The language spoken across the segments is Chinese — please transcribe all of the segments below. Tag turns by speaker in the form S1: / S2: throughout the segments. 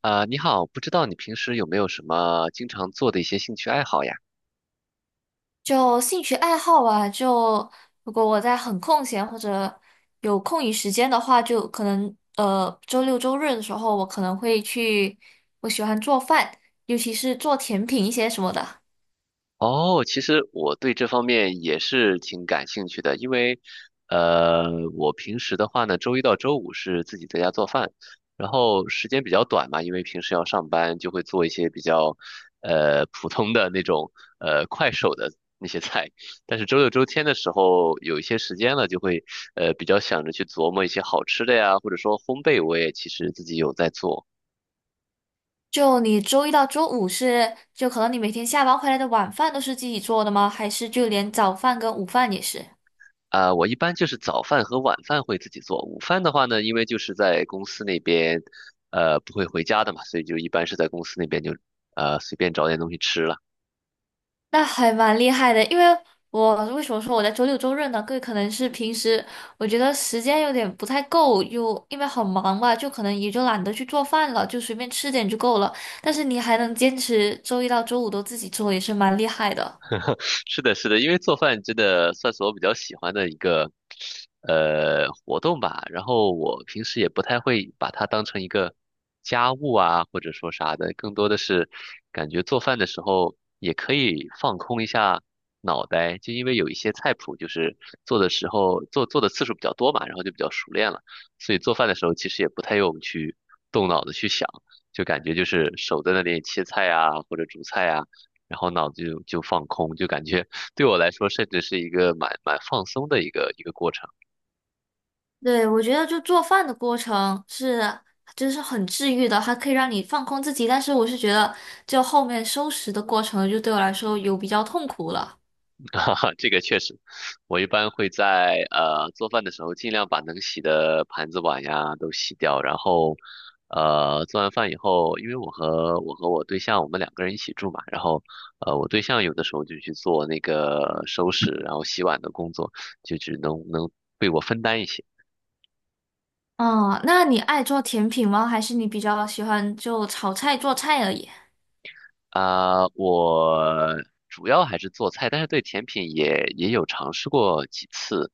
S1: 你好，不知道你平时有没有什么经常做的一些兴趣爱好呀？
S2: 就兴趣爱好吧，就如果我在很空闲或者有空余时间的话，就可能周六周日的时候，我可能会去，我喜欢做饭，尤其是做甜品一些什么的。
S1: 哦，其实我对这方面也是挺感兴趣的，因为，呃，我平时的话呢，周一到周五是自己在家做饭，然后时间比较短嘛，因为平时要上班，就会做一些比较，普通的那种，快手的那些菜。但是周六周天的时候，有一些时间了，就会，比较想着去琢磨一些好吃的呀，或者说烘焙，我也其实自己有在做。
S2: 就你周一到周五是，就可能你每天下班回来的晚饭都是自己做的吗？还是就连早饭跟午饭也是？
S1: 啊，我一般就是早饭和晚饭会自己做，午饭的话呢，因为就是在公司那边，不会回家的嘛，所以就一般是在公司那边就随便找点东西吃了。
S2: 那还蛮厉害的，因为我为什么说我在周六周日呢？各位可能是平时我觉得时间有点不太够，又因为很忙吧，就可能也就懒得去做饭了，就随便吃点就够了。但是你还能坚持周一到周五都自己做，也是蛮厉害的。
S1: 是的，是的，因为做饭真的算是我比较喜欢的一个活动吧。然后我平时也不太会把它当成一个家务啊，或者说啥的，更多的是感觉做饭的时候也可以放空一下脑袋，就因为有一些菜谱就是做的时候做的次数比较多嘛，然后就比较熟练了，所以做饭的时候其实也不太用去动脑子去想，就感觉就是手在那里切菜啊，或者煮菜啊。然后脑子就放空，就感觉 对我来说，甚至是一个蛮放松的一个过程。
S2: 对，我觉得就做饭的过程就是很治愈的，还可以让你放空自己。但是我是觉得，就后面收拾的过程，就对我来说有比较痛苦了。
S1: 哈哈，这个确实，我一般会在做饭的时候，尽量把能洗的盘子碗呀都洗掉，然后做完饭以后，因为我和我对象我们两个人一起住嘛，然后我对象有的时候就去做那个收拾然后洗碗的工作，就只能被我分担一些。
S2: 哦，那你爱做甜品吗？还是你比较喜欢就炒菜做菜而已？
S1: 啊、我主要还是做菜，但是对甜品也有尝试过几次，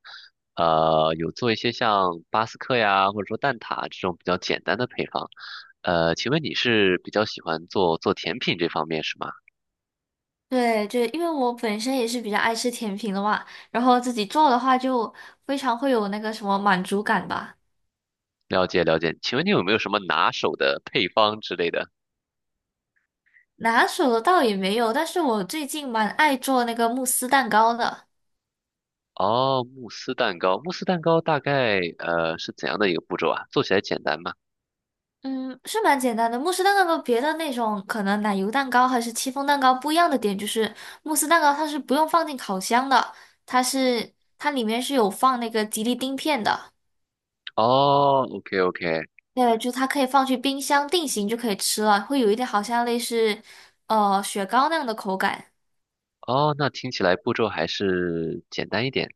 S1: 有做一些像巴斯克呀，或者说蛋挞这种比较简单的配方。请问你是比较喜欢做甜品这方面是吗？
S2: 对对，因为我本身也是比较爱吃甜品的嘛，然后自己做的话就非常会有那个什么满足感吧。
S1: 了解了解，请问你有没有什么拿手的配方之类的？
S2: 拿手的倒也没有，但是我最近蛮爱做那个慕斯蛋糕的。
S1: 哦，慕斯蛋糕大概是怎样的一个步骤啊？做起来简单吗？
S2: 嗯，是蛮简单的。慕斯蛋糕跟别的那种可能奶油蛋糕还是戚风蛋糕不一样的点就是，慕斯蛋糕它是不用放进烤箱的，它是它里面是有放那个吉利丁片的。
S1: 哦，OK OK，
S2: 对，就它可以放去冰箱定型就可以吃了，会有一点好像类似雪糕那样的口感。
S1: 哦，那听起来步骤还是简单一点。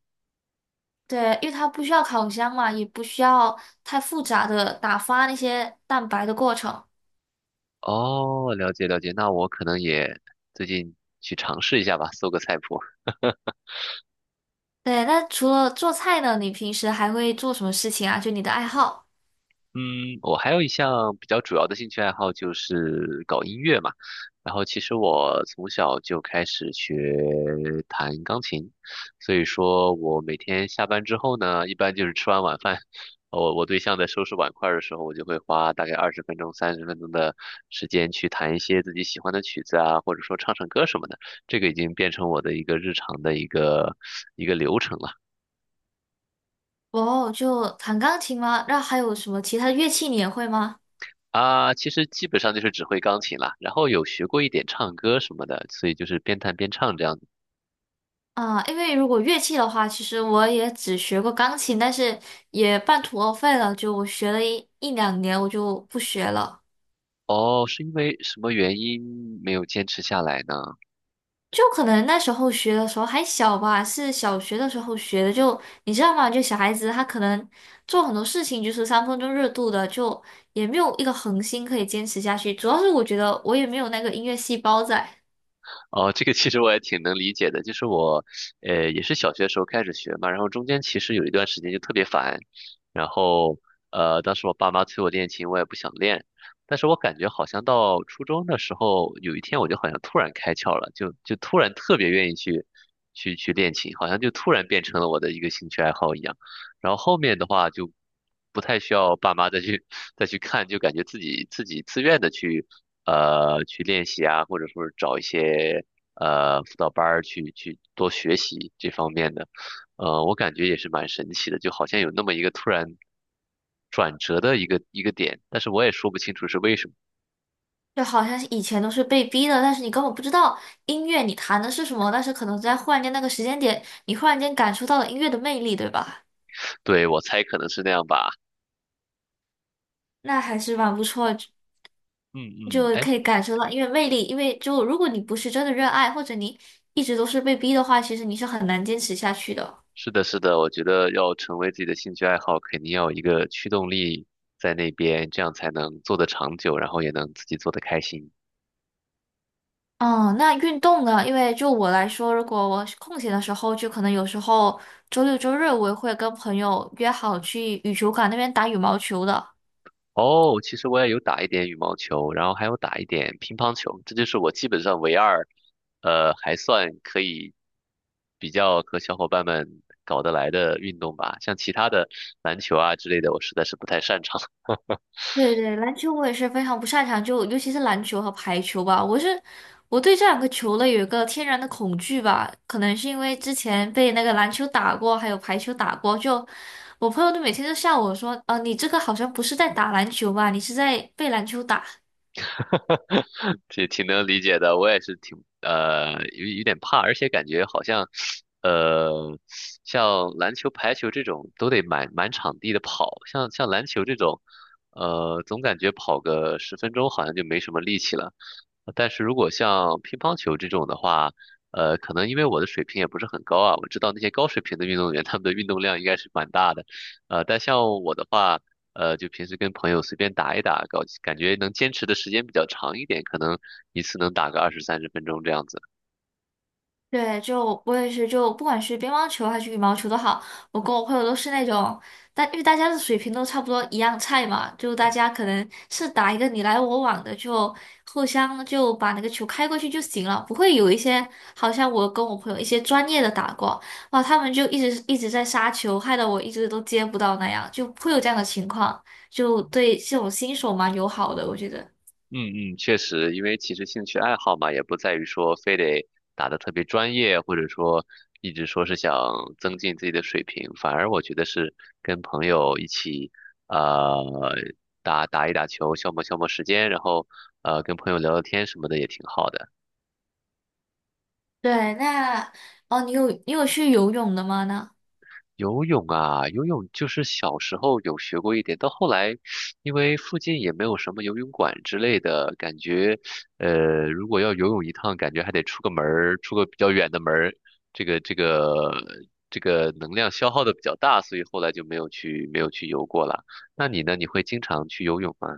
S2: 对，因为它不需要烤箱嘛，也不需要太复杂的打发那些蛋白的过程。
S1: 哦，了解了解，那我可能也最近去尝试一下吧，搜个菜谱。
S2: 对，那除了做菜呢，你平时还会做什么事情啊？就你的爱好？
S1: 嗯，我还有一项比较主要的兴趣爱好就是搞音乐嘛。然后其实我从小就开始学弹钢琴，所以说我每天下班之后呢，一般就是吃完晚饭，我对象在收拾碗筷儿的时候，我就会花大概20分钟、三十分钟的时间去弹一些自己喜欢的曲子啊，或者说唱唱歌什么的。这个已经变成我的一个日常的一个流程了。
S2: 哦，就弹钢琴吗？那还有什么其他的乐器你也会吗？
S1: 啊，其实基本上就是只会钢琴啦，然后有学过一点唱歌什么的，所以就是边弹边唱这样子。
S2: 啊，因为如果乐器的话，其实我也只学过钢琴，但是也半途而废了，就我学了一两年，我就不学了。
S1: 哦，是因为什么原因没有坚持下来呢？
S2: 就可能那时候学的时候还小吧，是小学的时候学的。就你知道吗？就小孩子他可能做很多事情就是三分钟热度的，就也没有一个恒心可以坚持下去。主要是我觉得我也没有那个音乐细胞在，
S1: 哦，这个其实我也挺能理解的，就是我，也是小学的时候开始学嘛，然后中间其实有一段时间就特别烦，然后，当时我爸妈催我练琴，我也不想练，但是我感觉好像到初中的时候，有一天我就好像突然开窍了，就突然特别愿意去练琴，好像就突然变成了我的一个兴趣爱好一样。然后后面的话就不太需要爸妈再去 再去看，就感觉自己自愿的去练习啊，或者说是找一些辅导班儿去多学习这方面的，我感觉也是蛮神奇的，就好像有那么一个突然转折的一个点，但是我也说不清楚是为什么，
S2: 就好像是以前都是被逼的，但是你根本不知道音乐你弹的是什么，但是可能在忽然间那个时间点，你忽然间感受到了音乐的魅力，对吧？
S1: 对，我猜可能是那样吧，
S2: 那还是蛮不错，
S1: 嗯嗯，
S2: 就
S1: 哎，
S2: 可以感受到，因为魅力，因为就如果你不是真的热爱，或者你一直都是被逼的话，其实你是很难坚持下去的。
S1: 是的，是的，我觉得要成为自己的兴趣爱好，肯定要有一个驱动力在那边，这样才能做得长久，然后也能自己做得开心。
S2: 嗯，那运动呢？因为就我来说，如果我空闲的时候，就可能有时候周六周日我也会跟朋友约好去羽球馆那边打羽毛球的。
S1: 哦，其实我也有打一点羽毛球，然后还有打一点乒乓球，这就是我基本上唯二，还算可以比较和小伙伴们搞得来的运动吧。像其他的篮球啊之类的，我实在是不太擅长，
S2: 对对，篮球我也是非常不擅长，就尤其是篮球和排球吧，我对这两个球类有一个天然的恐惧吧，可能是因为之前被那个篮球打过，还有排球打过，就我朋友都每天都笑我说，你这个好像不是在打篮球吧，你是在被篮球打。
S1: 挺能理解的。我也是挺有点怕，而且感觉好像。呃，像篮球、排球这种都得满场地的跑，像篮球这种，总感觉跑个十分钟好像就没什么力气了。但是如果像乒乓球这种的话，可能因为我的水平也不是很高啊，我知道那些高水平的运动员他们的运动量应该是蛮大的，但像我的话，就平时跟朋友随便打一打，搞，感觉能坚持的时间比较长一点，可能一次能打个二十三十分钟这样子。
S2: 对，就我也是，就不管是乒乓球还是羽毛球都好，我跟我朋友都是那种，但因为大家的水平都差不多一样菜嘛，就大家可能是打一个你来我往的，就互相就把那个球开过去就行了，不会有一些好像我跟我朋友一些专业的打过，哇，他们就一直一直在杀球，害得我一直都接不到那样，就会有这样的情况，就对这种新手蛮友好的，我觉得。
S1: 嗯嗯，确实，因为其实兴趣爱好嘛，也不在于说非得打得特别专业，或者说一直说是想增进自己的水平，反而我觉得是跟朋友一起，呃，打一打球，消磨消磨时间，然后跟朋友聊聊天什么的也挺好的。
S2: 对，那哦，你有去游泳的吗？呢？
S1: 游泳啊，游泳就是小时候有学过一点，到后来，因为附近也没有什么游泳馆之类的，感觉，呃，如果要游泳一趟，感觉还得出个门儿，出个比较远的门儿，这个这个这个能量消耗的比较大，所以后来就没有去游过了。那你呢？你会经常去游泳吗？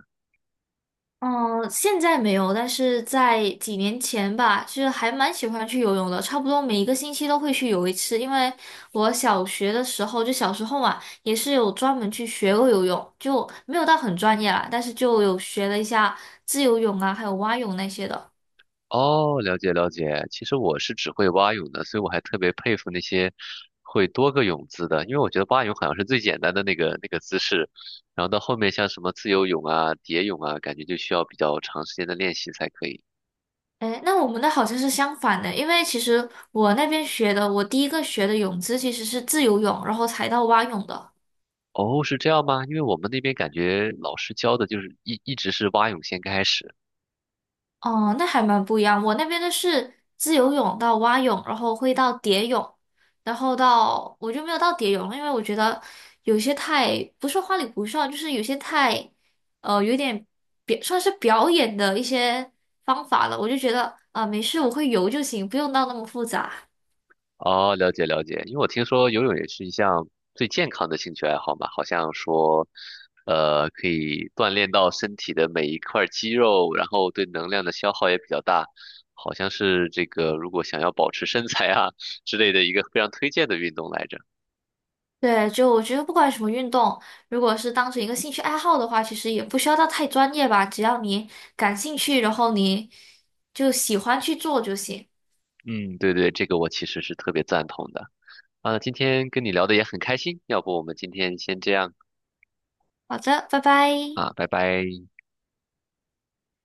S2: 嗯，现在没有，但是在几年前吧，就是还蛮喜欢去游泳的，差不多每一个星期都会去游一次。因为我小学的时候，就小时候嘛，也是有专门去学过游泳，就没有到很专业啦，但是就有学了一下自由泳啊，还有蛙泳那些的。
S1: 哦，了解了解。其实我是只会蛙泳的，所以我还特别佩服那些会多个泳姿的，因为我觉得蛙泳好像是最简单的那个姿势，然后到后面像什么自由泳啊、蝶泳啊，感觉就需要比较长时间的练习才可以。
S2: 哎，那我们的好像是相反的，因为其实我那边学的，我第一个学的泳姿其实是自由泳，然后才到蛙泳的。
S1: 哦，是这样吗？因为我们那边感觉老师教的就是一直是蛙泳先开始。
S2: 哦，那还蛮不一样。我那边的是自由泳到蛙泳，然后会到蝶泳，然后到我就没有到蝶泳了因为我觉得有些太不是花里胡哨，就是有些太有点算是表演的一些方法了。我就觉得啊、没事，我会游就行，不用到那么复杂。
S1: 哦，了解了解，因为我听说游泳也是一项最健康的兴趣爱好嘛，好像说，可以锻炼到身体的每一块肌肉，然后对能量的消耗也比较大，好像是这个如果想要保持身材啊之类的一个非常推荐的运动来着。
S2: 对，就我觉得不管什么运动，如果是当成一个兴趣爱好的话，其实也不需要到太专业吧，只要你感兴趣，然后你就喜欢去做就行。
S1: 嗯，对对，这个我其实是特别赞同的。啊，今天跟你聊的也很开心，要不我们今天先这样
S2: 好的，拜拜。
S1: 啊，拜拜。